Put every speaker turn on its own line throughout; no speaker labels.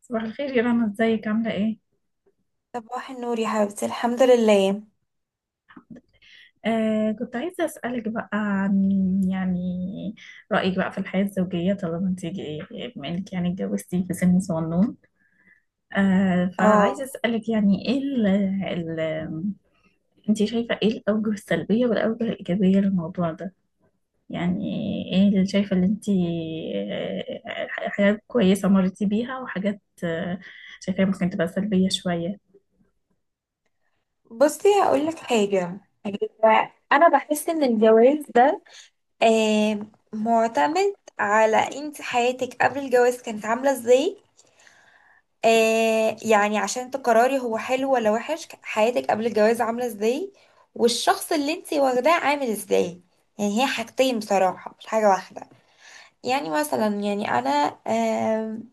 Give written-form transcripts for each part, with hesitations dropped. صباح الخير يا رنا، ازيك عاملة ايه؟
صباح النور يا حبيبتي، الحمد لله.
كنت عايزة اسألك بقى عن يعني رأيك بقى في الحياة الزوجية، طالما انت بما انك يعني اتجوزتي في سن صغنون. فعايزة
اه،
اسألك يعني ايه ال ال انت شايفة ايه الأوجه السلبية والأوجه الإيجابية للموضوع ده؟ يعني ايه اللي شايفة اللي انت، حاجات كويسة مرتي بيها، وحاجات شايفاها ممكن تبقى سلبية شوية.
بصي هقول لك حاجه. انا بحس ان الجواز ده آه معتمد على انت حياتك قبل الجواز كانت عامله ازاي. آه يعني عشان تقرري هو حلو ولا وحش، حياتك قبل الجواز عامله ازاي، والشخص اللي انت واخداه عامل ازاي. يعني هي حاجتين بصراحه مش حاجه واحده. يعني مثلا يعني انا، آم،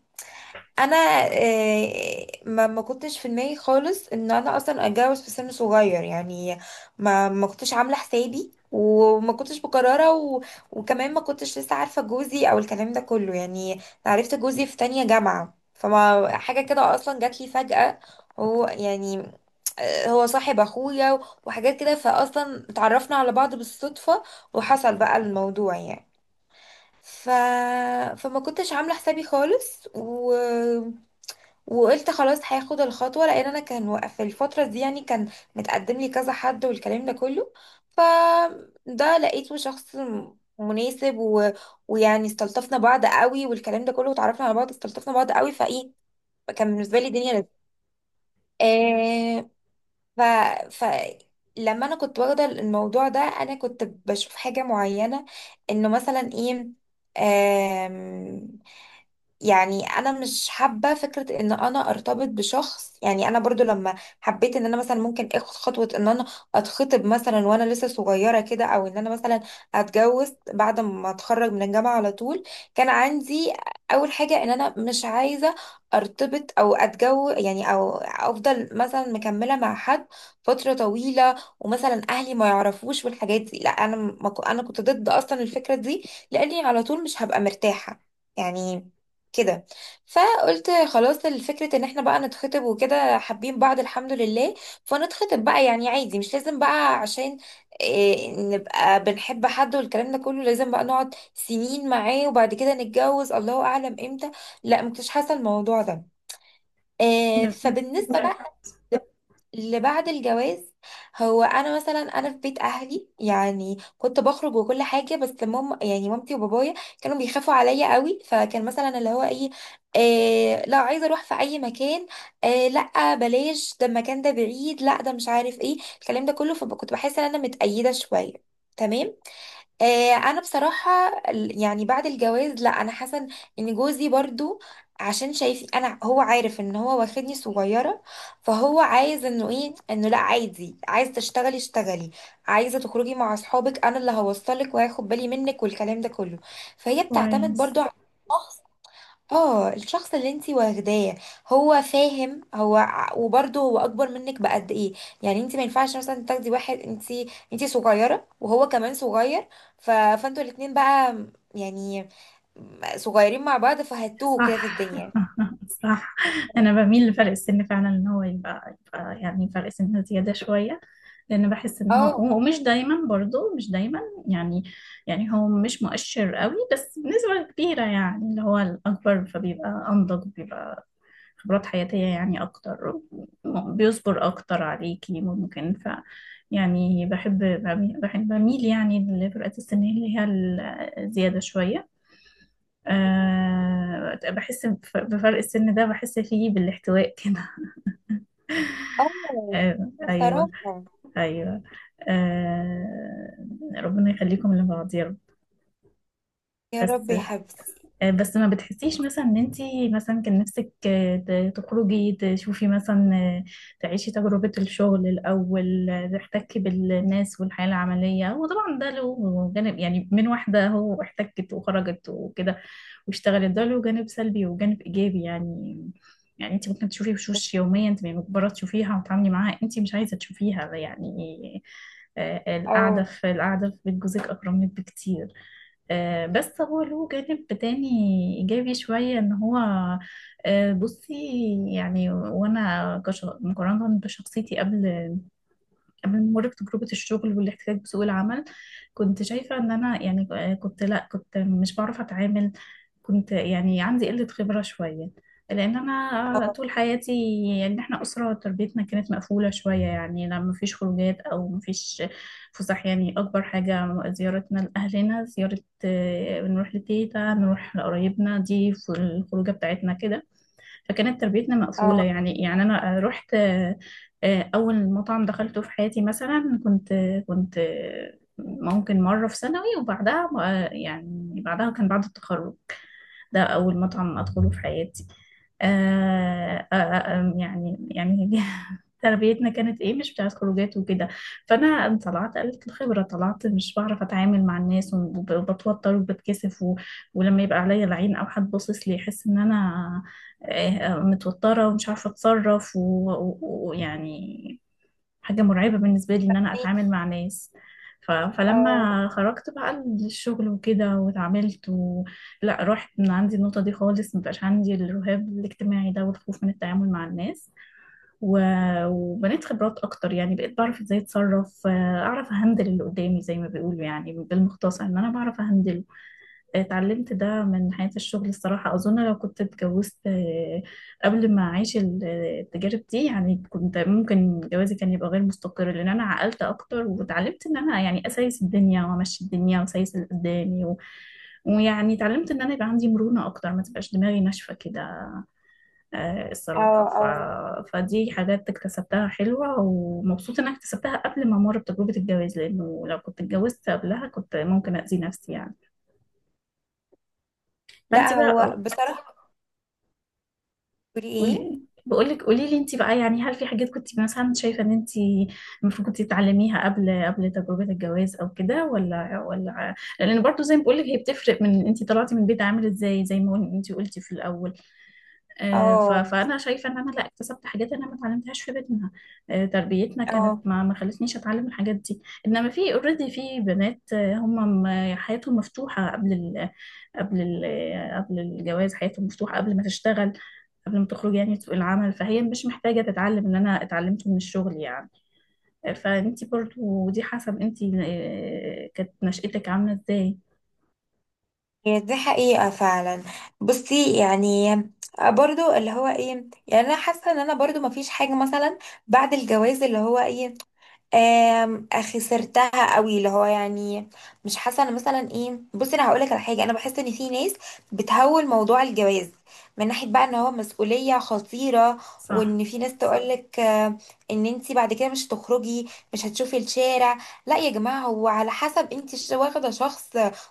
انا ما كنتش في دماغي خالص ان انا اصلا اتجوز في سن صغير يعني. ما كنتش عامله حسابي وما كنتش مقرره وكمان ما كنتش لسه عارفه جوزي او الكلام ده كله يعني. عرفت جوزي في تانية جامعه فما حاجه كده اصلا جات لي فجأة. هو يعني هو صاحب اخويا وحاجات كده فاصلا اتعرفنا على بعض بالصدفه، وحصل بقى الموضوع يعني. ف... فما كنتش عامله حسابي خالص وقلت خلاص هاخد الخطوه، لان انا كان في الفتره دي يعني كان متقدم لي كذا حد والكلام ده كله. فده لقيته شخص مناسب ويعني استلطفنا بعض قوي والكلام ده كله، وتعرفنا على بعض استلطفنا بعض قوي فايه كان بالنسبه لي دنيا لذيذه. آه... ف... ف... لما انا كنت واخده الموضوع ده انا كنت بشوف حاجه معينه، انه مثلا ايه. يعني انا مش حابه فكره ان انا ارتبط بشخص، يعني انا برضو لما حبيت ان انا مثلا ممكن اخد خطوه ان انا اتخطب مثلا وانا لسه صغيره كده، او ان انا مثلا اتجوز بعد ما اتخرج من الجامعه على طول. كان عندي اول حاجه ان انا مش عايزه ارتبط او اتجوز يعني، او افضل مثلا مكمله مع حد فتره طويله ومثلا اهلي ما يعرفوش والحاجات دي. لا انا ما كو- انا كنت ضد اصلا الفكره دي لاني على طول مش هبقى مرتاحه يعني كده. فقلت خلاص الفكرة ان احنا بقى نتخطب وكده حابين بعض الحمد لله. فنتخطب بقى يعني عادي، مش لازم بقى عشان إيه نبقى بنحب حد والكلام ده كله لازم بقى نقعد سنين معاه وبعد كده نتجوز الله اعلم امتى. لا مكنتش حاسة الموضوع ده. إيه،
بس.
فبالنسبة
بالظبط.
بقى اللي بعد الجواز، هو انا مثلا انا في بيت اهلي يعني كنت بخرج وكل حاجه، بس ماما يعني مامتي وبابايا كانوا بيخافوا عليا قوي، فكان مثلا اللي هو ايه، آه لا عايزه اروح في اي مكان، آه لا بلاش ده المكان ده بعيد، لا ده مش عارف ايه الكلام ده كله. فكنت بحس ان انا متقيده شويه. تمام. آه، انا بصراحه يعني بعد الجواز لا انا حاسه ان جوزي برضو عشان شايف انا، هو عارف ان هو واخدني صغيره، فهو عايز انه ايه انه لا عادي، عايز تشتغلي اشتغلي، عايزه تخرجي مع اصحابك انا اللي هوصلك وهاخد بالي منك والكلام ده كله. فهي بتعتمد برضو
كويس.
على اه الشخص اللي انتي واخداه. هو فاهم هو وبرضه هو اكبر منك بقد ايه. يعني انتي ما ينفعش مثلا تاخدي واحد، انتي صغيره وهو كمان صغير. فانتوا الاتنين بقى يعني صغيرين مع بعض فهتوه كده في
صح.
الدنيا.
صح. انا بميل لفرق السن فعلا، ان هو يبقى يعني فرق سن زياده شويه، لان بحس ان
اه.
هو، ومش دايما برضو، مش دايما يعني يعني هو مش مؤشر قوي، بس بنسبه كبيره يعني اللي هو الاكبر فبيبقى انضج، بيبقى خبرات حياتيه يعني اكتر، بيصبر اكتر عليكي ممكن. ف يعني بحب بميل يعني، لفئة السن اللي هي الزياده شويه. بحس بفرق السن ده، بحس فيه بالاحتواء كده.
اه
آه
بصراحه.
أيوه. أيوه. ربنا يخليكم لبعض يا رب.
يا رب
بس
يا حبيبتي.
بس ما بتحسيش مثلا ان انتي مثلا كان نفسك تخرجي، تشوفي مثلا، تعيشي تجربة الشغل الأول، تحتكي بالناس والحياة العملية؟ وطبعا ده له جانب، يعني من واحدة هو احتكت وخرجت وكده واشتغلت، ده له جانب سلبي وجانب إيجابي يعني. يعني انتي ممكن تشوفي وشوش يومية انت مجبرة تشوفيها وتتعاملي معاها انتي مش عايزة تشوفيها يعني. القعدة
اه
في بيت جوزك أكرم لك بكتير. بس هو له جانب تاني إيجابي شوية، إن هو بصي يعني. وأنا مقارنة بشخصيتي قبل، من مرور تجربة الشغل والاحتكاك بسوق العمل، كنت شايفة ان انا يعني كنت، لا كنت مش بعرف اتعامل، كنت يعني عندي قلة خبرة شوية، لان انا طول حياتي، يعني احنا اسرة تربيتنا كانت مقفولة شوية، يعني لا مفيش خروجات او مفيش فسح، يعني اكبر حاجة زيارتنا لاهلنا زيارة، بنروح لتيتا، نروح لقرايبنا، دي الخروجة بتاعتنا كده. فكانت تربيتنا مقفولة
اه
يعني. يعني أنا رحت، أول مطعم دخلته في حياتي مثلا، كنت ممكن مرة في ثانوي، وبعدها يعني بعدها كان بعد التخرج، ده أول مطعم أدخله في حياتي. آه آه آه يعني يعني تربيتنا كانت إيه، مش بتاعت خروجات وكده. فأنا طلعت قلة الخبرة، طلعت مش بعرف أتعامل مع الناس، وبتوتر وبتكسف، ولما يبقى عليا العين أو حد باصص لي يحس إن أنا متوترة ومش عارفة أتصرف، ويعني حاجة مرعبة بالنسبة لي إن أنا أتعامل
ميكي.
مع ناس.
اه.
فلما خرجت بقى للشغل وكده واتعاملت، لا رحت من عندي النقطة دي خالص، مبقاش عندي الرهاب الاجتماعي ده والخوف من التعامل مع الناس، و... وبنيت خبرات أكتر، يعني بقيت بعرف إزاي أتصرف، أعرف أهندل اللي قدامي زي ما بيقولوا، يعني بالمختصر إن أنا بعرف أهندله. اتعلمت ده من حياة الشغل الصراحة. أظن لو كنت اتجوزت قبل ما أعيش التجارب دي يعني، كنت ممكن جوازي كان يبقى غير مستقر، لأن أنا عقلت أكتر واتعلمت إن أنا يعني أسايس الدنيا وأمشي الدنيا وأسايس اللي قدامي، ويعني اتعلمت إن أنا يبقى عندي مرونة أكتر، ما تبقاش دماغي ناشفة كده.
اه
الصراحة.
اه
فدي حاجات اكتسبتها حلوة، ومبسوطة إن أنا اكتسبتها قبل ما أمر بتجربة الجواز، لأنه لو كنت اتجوزت قبلها كنت ممكن أذي نفسي يعني. فأنت
لا هو
بقى،
بصراحه بتقولي ايه.
قولي لي انت بقى يعني، هل في حاجات كنت مثلا شايفه ان انت المفروض كنت تتعلميها قبل تجربه الجواز او كده، ولا؟ لان برضو زي ما بقولك، هي بتفرق من انت طلعتي من البيت عامل ازاي، زي ما انت قلتي في الاول.
اه
فانا شايفه ان انا لا اكتسبت حاجات انا ما اتعلمتهاش في بيتنا، تربيتنا كانت
اه
ما خلتنيش اتعلم الحاجات دي. انما في اوريدي في بنات، هم حياتهم مفتوحه قبل ال قبل ال قبل الجواز، حياتهم مفتوحه قبل ما تشتغل، قبل ما تخرج يعني سوق العمل، فهي مش محتاجه تتعلم اللي انا اتعلمته من الشغل يعني. فانتي برضو دي حسب انتي كانت نشأتك عامله ازاي.
هي دي حقيقة فعلا. بصي يعني، آه، برضو اللي هو ايه، يعني انا حاسة ان انا برضو مفيش حاجة مثلا بعد الجواز اللي هو ايه، خسرتها قوي اللي هو يعني، مش حاسه انا مثلا ايه. بصي انا هقول لك على حاجه. انا بحس ان في ناس بتهول موضوع الجواز من ناحيه بقى ان هو مسؤوليه خطيره،
صح.
وان في ناس تقول لك ان انت بعد كده مش هتخرجي مش هتشوفي الشارع. لا يا جماعه، هو على حسب انت واخده شخص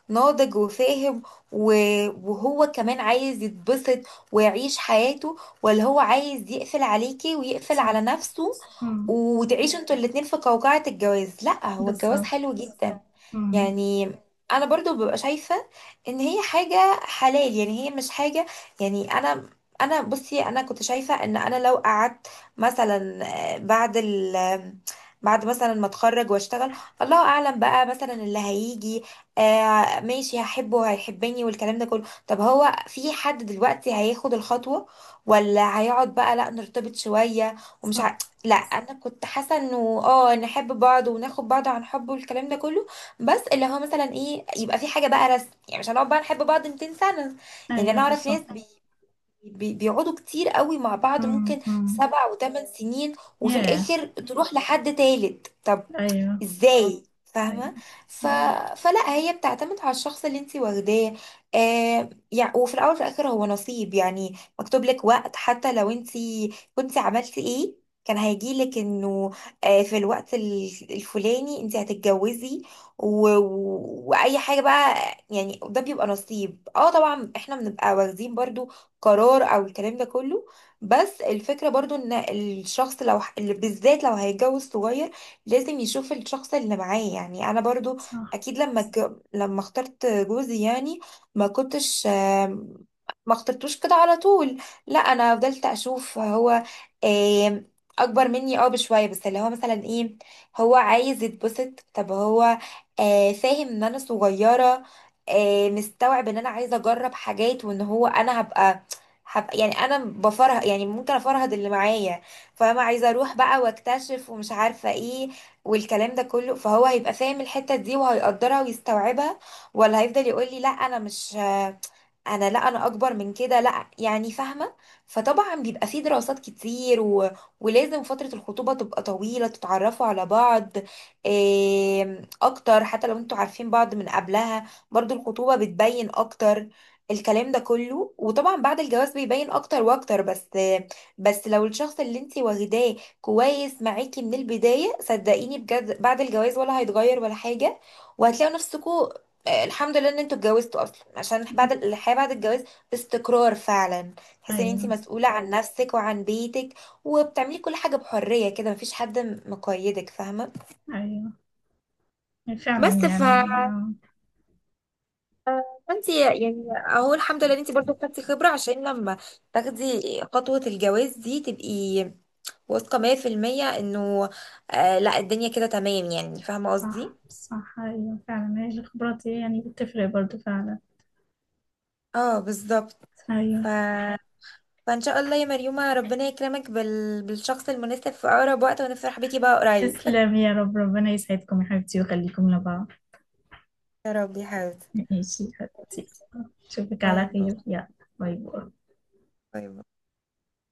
ناضج وفاهم، وهو كمان عايز يتبسط ويعيش حياته، ولا هو عايز يقفل عليكي ويقفل
صح.
على نفسه
مم.
وتعيشوا انتوا الاتنين في قوقعة الجواز. لا، هو الجواز
بالظبط.
حلو جدا
مم.
يعني. انا برضو ببقى شايفة ان هي حاجة حلال، يعني هي مش حاجة يعني. انا بصي انا كنت شايفة ان انا لو قعدت مثلا بعد بعد مثلا ما اتخرج واشتغل الله اعلم بقى مثلا اللي هيجي، آه ماشي هحبه وهيحبني والكلام ده كله. طب هو في حد دلوقتي هياخد الخطوة، ولا هيقعد بقى لا نرتبط شوية ومش
صح.
ع... لا انا كنت حاسة انه اه نحب بعض وناخد بعض عن حب والكلام ده كله. بس اللي هو مثلا ايه يبقى في حاجه بقى رسم، يعني مش هنقعد بقى نحب بعض 200 سنه. يعني
ايوه
انا اعرف ناس
بالظبط.
بي بي بيقعدوا كتير قوي مع بعض،
امم
ممكن
امم
سبع وثمان سنين، وفي
ياه.
الاخر تروح لحد تالت. طب
ايوه.
ازاي فاهمه.
ايوه.
ف...
مم.
فلا هي بتعتمد على الشخص اللي انت واخداه. آه يعني وفي الاول وفي الاخر هو نصيب، يعني مكتوب لك وقت، حتى لو انت كنت عملتي ايه كان هيجي لك انه آه في الوقت الفلاني انت هتتجوزي، واي حاجه بقى يعني. ده بيبقى نصيب. اه طبعا احنا بنبقى واخدين برضو قرار او الكلام ده كله، بس الفكره برضو ان الشخص لو اللي بالذات لو هيتجوز صغير لازم يشوف الشخص اللي معاه. يعني انا برضو
صح.
اكيد لما لما اخترت جوزي يعني ما كنتش ما اخترتوش كده على طول. لا انا فضلت اشوف هو آم، اكبر مني اه بشويه. بس اللي هو مثلا ايه، هو عايز يتبسط. طب هو آه، فاهم ان انا صغيره، آه، مستوعب ان انا عايزه اجرب حاجات، وان هو انا هبقى يعني انا بفرهد، يعني ممكن افرهد اللي معايا فاهمة، عايزة اروح بقى واكتشف ومش عارفة ايه والكلام ده كله. فهو هيبقى فاهم الحتة دي وهيقدرها ويستوعبها، ولا هيفضل يقول لي لا انا مش انا لا انا اكبر من كده لا يعني فاهمة. فطبعا بيبقى فيه دراسات كتير ولازم فترة الخطوبة تبقى طويلة تتعرفوا على بعض إيه اكتر، حتى لو انتوا عارفين بعض من قبلها برضو الخطوبة بتبين اكتر الكلام ده كله. وطبعا بعد الجواز بيبين اكتر واكتر. بس لو الشخص اللي انتي واخداه كويس معاكي من البداية صدقيني بجد بعد الجواز ولا هيتغير ولا حاجة، وهتلاقوا نفسكوا آه، الحمد لله ان انتوا اتجوزتوا اصلا، عشان بعد الحياة بعد الجواز استقرار فعلا، تحسي ان انت
ايوه.
مسؤولة عن نفسك وعن بيتك وبتعملي كل حاجة بحرية كده مفيش حد مقيدك فاهمة.
ايوه يعني فعلا
بس،
يعني،
فانت يعني اهو الحمد لله ان انت برضه خدتي خبرة عشان لما تاخدي خطوة الجواز دي تبقي واثقة 100% انه آه لا الدنيا كده تمام يعني فاهمة قصدي.
صح. صح. ايوه فعلا. هي الخبرات هي يعني بتفرق برضو فعلا.
اه بالظبط.
ايوه.
ف... فان شاء الله يا مريومة ربنا يكرمك بالشخص المناسب في اقرب وقت ونفرح بيكي بقى قريب.
تسلم يا رب، ربنا يسعدكم يا حبيبتي ويخليكم لبعض.
يا رب يا حبيبتي.
ماشي يا حبيبتي، اشوفك على
باي باي.
خير يلا. باي باي.
باي باي.